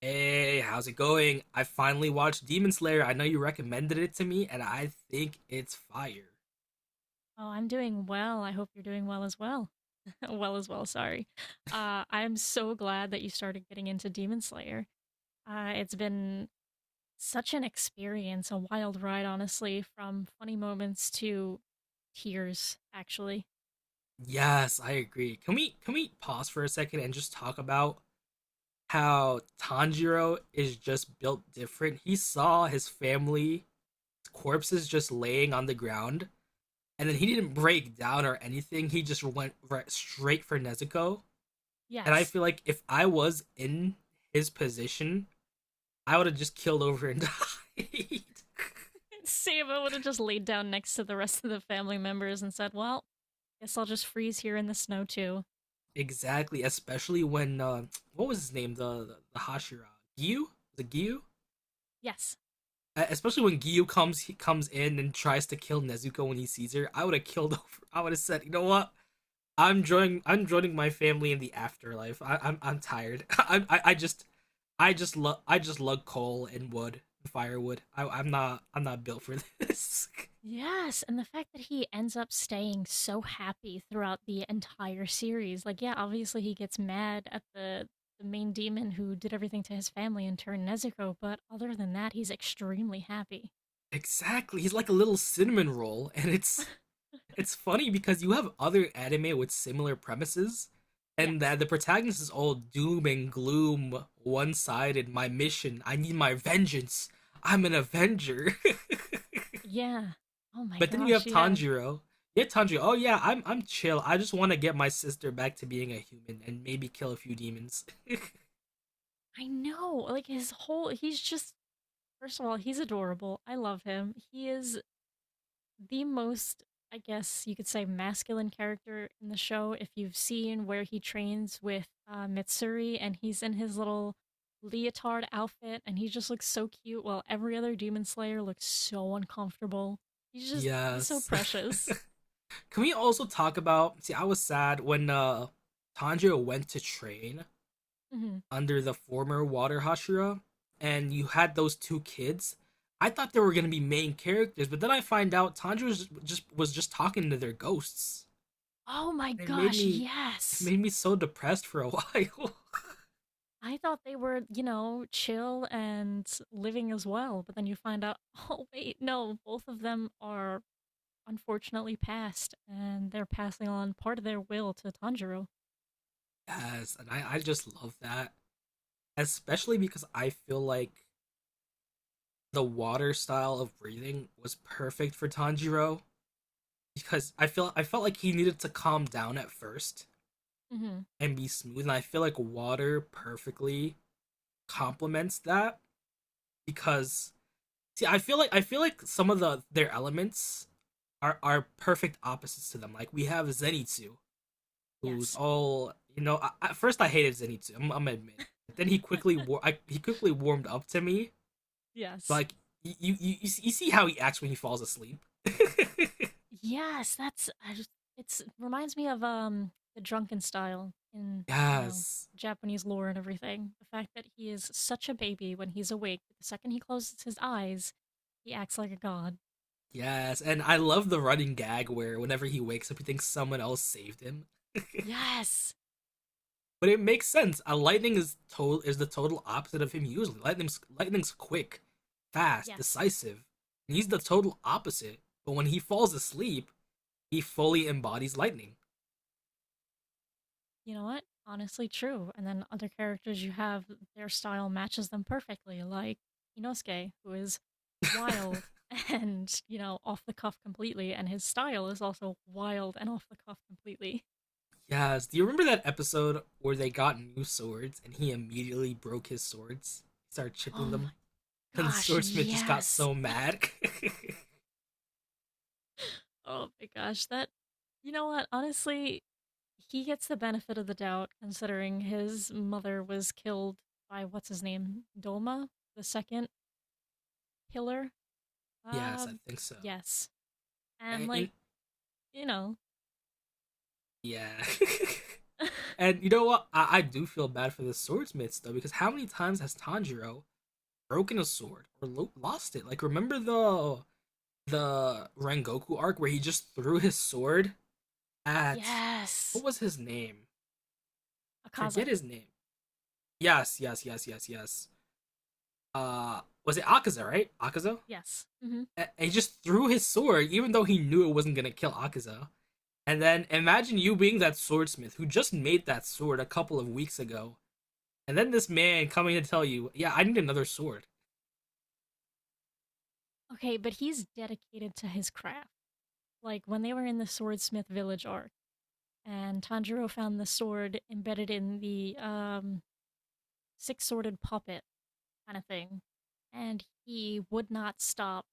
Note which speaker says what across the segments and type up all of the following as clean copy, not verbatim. Speaker 1: Hey, how's it going? I finally watched Demon Slayer. I know you recommended it to me, and I think it's fire.
Speaker 2: Oh, I'm doing well. I hope you're doing well as well. Well as well, sorry. I'm so glad that you started getting into Demon Slayer. It's been such an experience, a wild ride, honestly, from funny moments to tears, actually.
Speaker 1: Yes, I agree. Can we pause for a second and just talk about how Tanjiro is just built different? He saw his family corpses just laying on the ground, and then he didn't break down or anything. He just went right straight for Nezuko. And I
Speaker 2: Yes.
Speaker 1: feel like if I was in his position, I would have just killed over and died.
Speaker 2: Saba would have just laid down next to the rest of the family members and said, Well, guess I'll just freeze here in the snow too.
Speaker 1: Exactly, especially when what was his name? The Hashira Gyu, the Gyu.
Speaker 2: Yes.
Speaker 1: Especially when Gyu comes, he comes in and tries to kill Nezuko when he sees her. I would have killed over. I would have said, you know what? I'm joining. I'm joining my family in the afterlife. I'm tired. I just love. I just love coal and wood, and firewood. I'm not. I'm not built for this.
Speaker 2: Yes, and the fact that he ends up staying so happy throughout the entire series. Like, yeah, obviously he gets mad at the main demon who did everything to his family and turned Nezuko, but other than that, he's extremely happy.
Speaker 1: Exactly. He's like a little cinnamon roll, and it's. It's funny because you have other anime with similar premises, and
Speaker 2: Yes.
Speaker 1: that the protagonist is all doom and gloom, one sided. My mission, I need my vengeance. I'm an Avenger.
Speaker 2: Yeah. Oh my
Speaker 1: But then you
Speaker 2: gosh,
Speaker 1: have
Speaker 2: yeah.
Speaker 1: Tanjiro. You have Tanjiro. Oh yeah, I'm chill. I just want to get my sister back to being a human and maybe kill a few demons.
Speaker 2: I know. Like his whole he's just first of all, he's adorable. I love him. He is the most, I guess you could say, masculine character in the show. If you've seen where he trains with Mitsuri, and he's in his little leotard outfit and he just looks so cute, while every other demon slayer looks so uncomfortable. He's just, he's so
Speaker 1: Yes.
Speaker 2: precious.
Speaker 1: Can we also talk about? See, I was sad when Tanjiro went to train
Speaker 2: Hmm.
Speaker 1: under the former Water Hashira, and you had those two kids. I thought they were gonna be main characters, but then I find out Tanjiro was just talking to their ghosts.
Speaker 2: Oh my
Speaker 1: It made
Speaker 2: gosh,
Speaker 1: me it
Speaker 2: yes!
Speaker 1: made me so depressed for a while.
Speaker 2: I thought they were, you know, chill and living as well, but then you find out, oh, wait, no, both of them are unfortunately passed, and they're passing on part of their will to Tanjiro.
Speaker 1: Yes, and I just love that. Especially because I feel like the water style of breathing was perfect for Tanjiro. Because I felt like he needed to calm down at first
Speaker 2: Mm-hmm.
Speaker 1: and be smooth, and I feel like water perfectly complements that because see, I feel like some of the their elements are perfect opposites to them. Like we have Zenitsu, who's
Speaker 2: Yes.
Speaker 1: all you know. At first, I hated Zenitsu. I'm admit it. But then he quickly warmed up to me.
Speaker 2: Yes.
Speaker 1: Like you you, you you see how he acts when he falls asleep.
Speaker 2: Yes, that's I just- it's it reminds me of the drunken style in, you know,
Speaker 1: Yes,
Speaker 2: Japanese lore and everything. The fact that he is such a baby when he's awake, the second he closes his eyes, he acts like a god.
Speaker 1: yes, and I love the running gag where whenever he wakes up, he thinks someone else saved him.
Speaker 2: Yes.
Speaker 1: But it makes sense. A lightning is to- is the total opposite of him usually. Lightning's quick, fast,
Speaker 2: Yes.
Speaker 1: decisive. And he's the total opposite. But when he falls asleep, he fully embodies lightning.
Speaker 2: You know what? Honestly, true. And then other characters you have, their style matches them perfectly, like Inosuke, who is wild and, you know, off the cuff completely, and his style is also wild and off the cuff completely.
Speaker 1: Yes. Do you remember that episode where they got new swords and he immediately broke his swords? He started
Speaker 2: Oh
Speaker 1: chipping
Speaker 2: my
Speaker 1: them. Then the
Speaker 2: gosh,
Speaker 1: swordsmith just got
Speaker 2: yes.
Speaker 1: so mad.
Speaker 2: Oh my gosh, that, you know what? Honestly, he gets the benefit of the doubt considering his mother was killed by what's his name? Dolma, the second pillar.
Speaker 1: Yes,
Speaker 2: Uh,
Speaker 1: I think so.
Speaker 2: yes. And
Speaker 1: And
Speaker 2: like,
Speaker 1: in-
Speaker 2: you know,
Speaker 1: yeah. And you know what? I do feel bad for the swordsmiths though, because how many times has Tanjiro broken a sword or lost it. Like remember the Rengoku arc where he just threw his sword at what
Speaker 2: Yes.
Speaker 1: was his name?
Speaker 2: Akaza.
Speaker 1: Forget his name. Yes, yes, yes, yes, yes. Was it Akaza? Right, Akaza.
Speaker 2: Yes. Hmm.
Speaker 1: And he just threw his sword, even though he knew it wasn't gonna kill Akaza. And then imagine you being that swordsmith who just made that sword a couple of weeks ago, and then this man coming to tell you, "Yeah, I need another sword."
Speaker 2: Okay, but he's dedicated to his craft. Like when they were in the Swordsmith Village arc, and Tanjiro found the sword embedded in the six sworded puppet kind of thing. And he would not stop,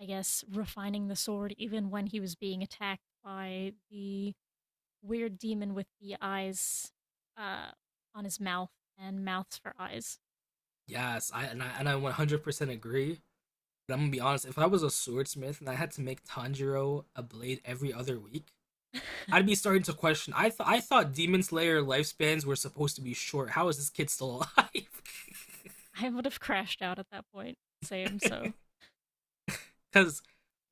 Speaker 2: I guess, refining the sword even when he was being attacked by the weird demon with the eyes uh, on his mouth and mouths for eyes.
Speaker 1: Yes, I and I 100% agree. But I'm gonna be honest, if I was a swordsmith and I had to make Tanjiro a blade every other week, I'd be starting to question. I thought Demon Slayer lifespans were supposed to be short. How is this kid still alive?
Speaker 2: I would have crashed out at that point. Same. So
Speaker 1: Because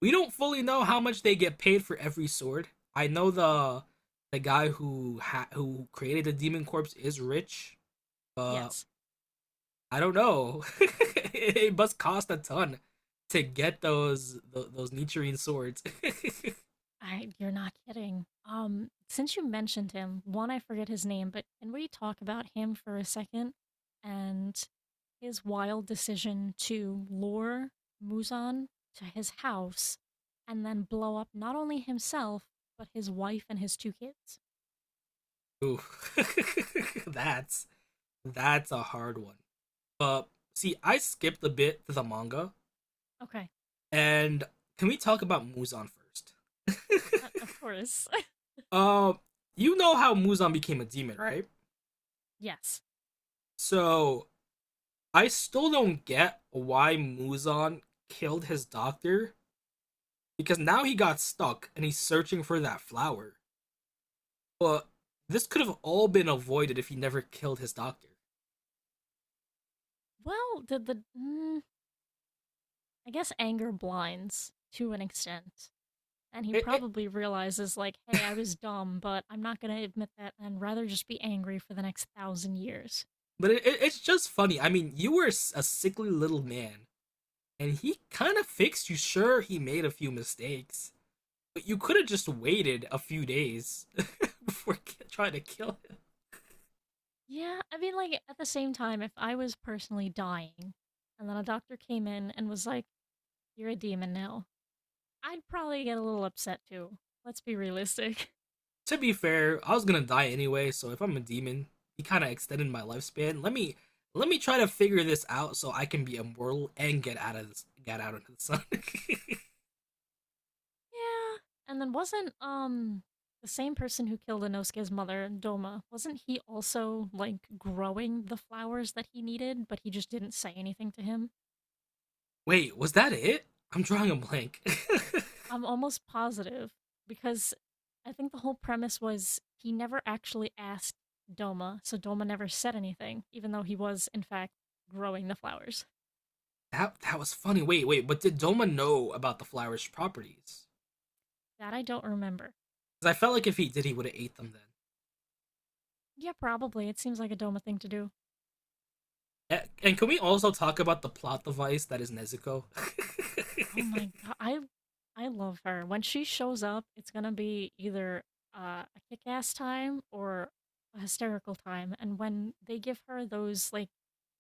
Speaker 1: we don't fully know how much they get paid for every sword. I know the guy who who created the Demon Corpse is rich, but
Speaker 2: yes.
Speaker 1: I don't know. It must cost a ton to get those Nichiren swords.
Speaker 2: I. You're not kidding. Since you mentioned him, one I forget his name, but can we talk about him for a second and his wild decision to lure Muzan to his house and then blow up not only himself but his wife and his two kids?
Speaker 1: Ooh, that's That's a hard one. But see, I skipped a bit to the manga,
Speaker 2: Okay,
Speaker 1: and can we talk about Muzan first?
Speaker 2: of course.
Speaker 1: Um, you know how Muzan became a demon, right?
Speaker 2: Yes.
Speaker 1: So I still don't get why Muzan killed his doctor because now he got stuck and he's searching for that flower. But this could have all been avoided if he never killed his doctor.
Speaker 2: Well, did the I guess anger blinds to an extent. And he
Speaker 1: It, it,
Speaker 2: probably realizes, like, hey, I was dumb, but I'm not going to admit that and rather just be angry for the next thousand years.
Speaker 1: but it's just funny. I mean, you were a sickly little man and he kind of fixed you. Sure, he made a few mistakes, but you could have just waited a few days before trying to kill him.
Speaker 2: Yeah, I mean, like, at the same time, if I was personally dying and then a doctor came in and was like, you're a demon now, I'd probably get a little upset too. Let's be realistic.
Speaker 1: To be fair, I was gonna die anyway, so if I'm a demon, he kind of extended my lifespan. Let me try to figure this out so I can be immortal and get out of this, get out into the sun.
Speaker 2: Yeah. And then wasn't, the same person who killed Inosuke's mother, Doma, wasn't he also, like, growing the flowers that he needed, but he just didn't say anything to him?
Speaker 1: Wait, was that it? I'm drawing a blank.
Speaker 2: I'm almost positive because I think the whole premise was he never actually asked Doma, so Doma never said anything, even though he was, in fact, growing the flowers.
Speaker 1: That that was funny. Wait, wait, but did Doma know about the flowers' properties?
Speaker 2: That I don't remember.
Speaker 1: Because I felt like if he did, he would have ate them then.
Speaker 2: Yeah, probably. It seems like a Doma thing to do.
Speaker 1: And can we also talk about the plot device that is Nezuko?
Speaker 2: Oh my god, I love her. When she shows up, it's gonna be either a kick-ass time or a hysterical time. And when they give her those like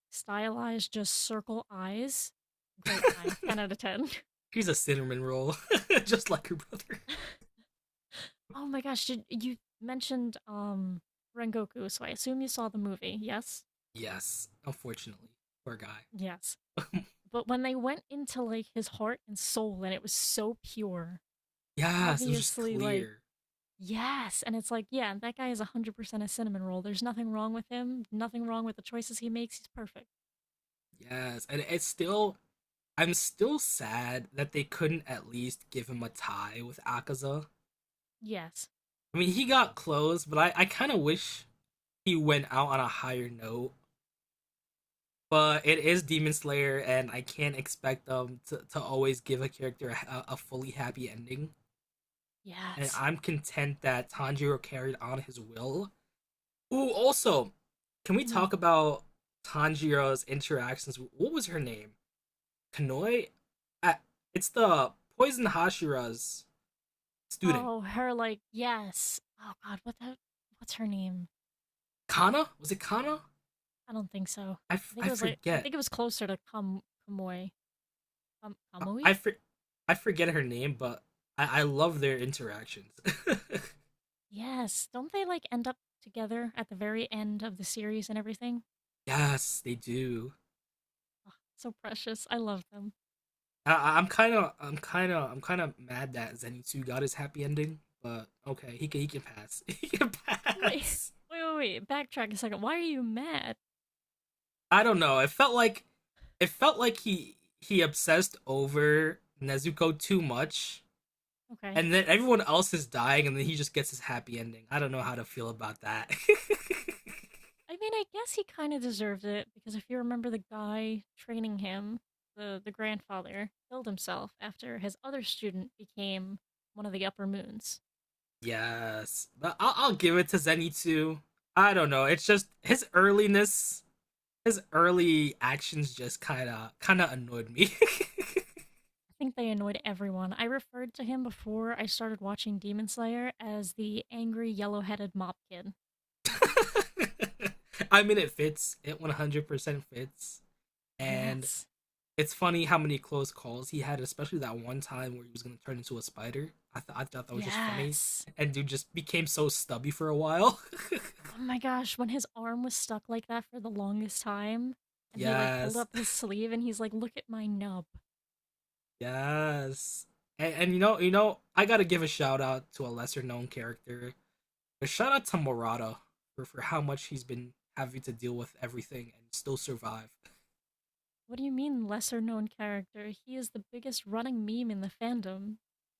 Speaker 2: stylized, just circle eyes, great time. Ten out of ten.
Speaker 1: He's a cinnamon roll, just like her brother.
Speaker 2: Oh my gosh, did you mentioned Rengoku, so I assume you saw the movie. Yes?
Speaker 1: Yes, unfortunately, poor guy.
Speaker 2: Yes. But when they went into like his heart and soul, and it was so pure.
Speaker 1: Yes, it was just
Speaker 2: Obviously like
Speaker 1: clear.
Speaker 2: yes, and it's like yeah, that guy is 100% a cinnamon roll. There's nothing wrong with him. Nothing wrong with the choices he makes. He's perfect.
Speaker 1: Yes, and it's still. I'm still sad that they couldn't at least give him a tie with Akaza.
Speaker 2: Yes.
Speaker 1: I mean, he got close, but I kind of wish he went out on a higher note, but it is Demon Slayer, and I can't expect them to always give a character a fully happy ending. And
Speaker 2: Yes.
Speaker 1: I'm content that Tanjiro carried on his will. Ooh, also, can we
Speaker 2: Hmm.
Speaker 1: talk about Tanjiro's interactions? With- what was her name? Kanoi? Uh, it's the Poison Hashira's student.
Speaker 2: Oh, her like yes. Oh god, what's her name?
Speaker 1: Kana? Was it Kana?
Speaker 2: I don't think so. I think it
Speaker 1: I
Speaker 2: was like I
Speaker 1: forget.
Speaker 2: think it was closer to Kamui. Kam
Speaker 1: I, I,
Speaker 2: Kamui?
Speaker 1: for- I forget her name, but I love their interactions.
Speaker 2: Yes. Don't they like end up together at the very end of the series and everything?
Speaker 1: Yes, they do.
Speaker 2: Ugh, so precious. I love them.
Speaker 1: I, I'm kind of, I'm kind of, I'm kind of mad that Zenitsu got his happy ending, but okay, he can pass. He can
Speaker 2: Wait,
Speaker 1: pass.
Speaker 2: wait. Backtrack a second. Why are you mad?
Speaker 1: I don't know. It felt like he obsessed over Nezuko too much,
Speaker 2: Okay.
Speaker 1: and then everyone else is dying, and then he just gets his happy ending. I don't know how to feel about that.
Speaker 2: I mean, I guess he kind of deserved it because if you remember the guy training him, the grandfather killed himself after his other student became one of the upper moons.
Speaker 1: Yes, but I'll give it to Zenitsu. I don't know. It's just his earliness, his early actions just kind of annoyed me.
Speaker 2: I think they annoyed everyone. I referred to him before I started watching Demon Slayer as the angry yellow-headed mop kid.
Speaker 1: I mean, it fits. It 100% fits. And
Speaker 2: Yes.
Speaker 1: it's funny how many close calls he had, especially that one time where he was going to turn into a spider. I thought that was just funny.
Speaker 2: Yes.
Speaker 1: And dude just became so stubby for a while.
Speaker 2: Oh my gosh, when his arm was stuck like that for the longest time, and he like pulled
Speaker 1: Yes.
Speaker 2: up his sleeve and he's like, Look at my nub.
Speaker 1: Yes. And you know, I gotta give a shout out to a lesser known character. But shout out to Morata for how much he's been having to deal with everything and still survive.
Speaker 2: What do you mean, lesser known character? He is the biggest running meme in the fandom.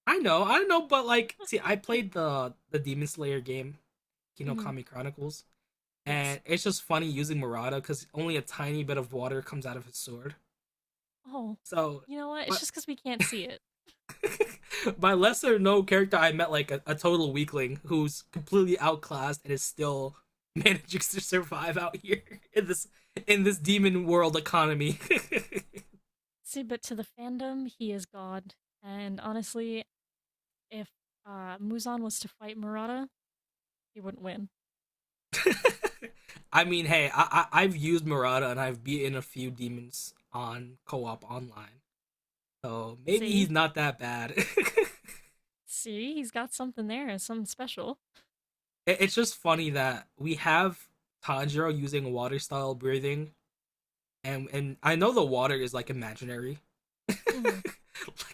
Speaker 1: I know, but like, see, I played the Demon Slayer game,
Speaker 2: Hmm.
Speaker 1: Kinokami Chronicles,
Speaker 2: Yes.
Speaker 1: and it's just funny using Murata because only a tiny bit of water comes out of his sword.
Speaker 2: Oh,
Speaker 1: So,
Speaker 2: you know what? It's
Speaker 1: but
Speaker 2: just because we can't see it.
Speaker 1: by lesser known character, I met like a total weakling who's completely outclassed and is still managing to survive out here in this in this demon world economy.
Speaker 2: See, but to the fandom, he is God. And honestly, if Muzan was to fight Murata, he wouldn't win.
Speaker 1: I mean, hey, I've used Murata and I've beaten a few demons on co-op online. So maybe he's
Speaker 2: See?
Speaker 1: not that bad.
Speaker 2: See? He's got something there, something special.
Speaker 1: It's just funny that we have Tanjiro using water style breathing, and I know the water is like imaginary, like
Speaker 2: Hmm.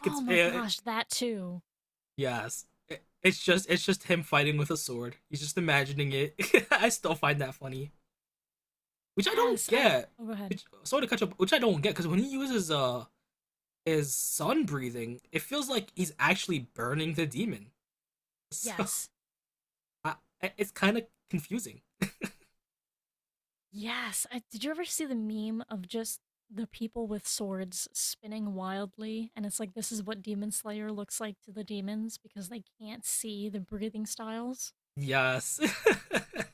Speaker 2: Oh
Speaker 1: it's
Speaker 2: my
Speaker 1: it,
Speaker 2: gosh, that too.
Speaker 1: yes. It's just him fighting with a sword. He's just imagining it. I still find that funny, which I don't
Speaker 2: Yes, I
Speaker 1: get.
Speaker 2: Oh, go ahead.
Speaker 1: Which, sorry to catch up, which I don't get because when he uses his sun breathing, it feels like he's actually burning the demon. So
Speaker 2: Yes.
Speaker 1: I, it's kind of confusing.
Speaker 2: Yes. I, did you ever see the meme of just the people with swords spinning wildly? And it's like, this is what Demon Slayer looks like to the demons because they can't see the breathing styles.
Speaker 1: Yes.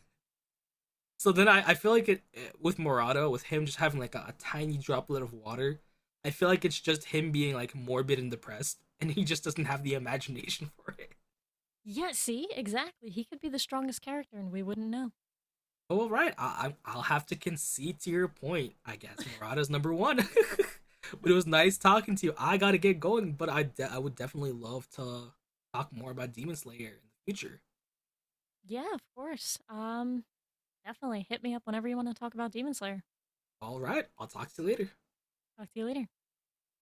Speaker 1: So then I feel like with Morata, with him just having like a tiny droplet of water, I feel like it's just him being like morbid and depressed, and he just doesn't have the imagination for it.
Speaker 2: Yeah, see? Exactly. He could be the strongest character and we wouldn't know.
Speaker 1: Oh, all right. I'll have to concede to your point. I guess Morata's number one. But it was nice talking to you. I gotta get going, but I would definitely love to talk more about Demon Slayer in the future.
Speaker 2: Yeah, of course. Definitely hit me up whenever you want to talk about Demon Slayer.
Speaker 1: All right. I'll talk to you later.
Speaker 2: Talk to you later.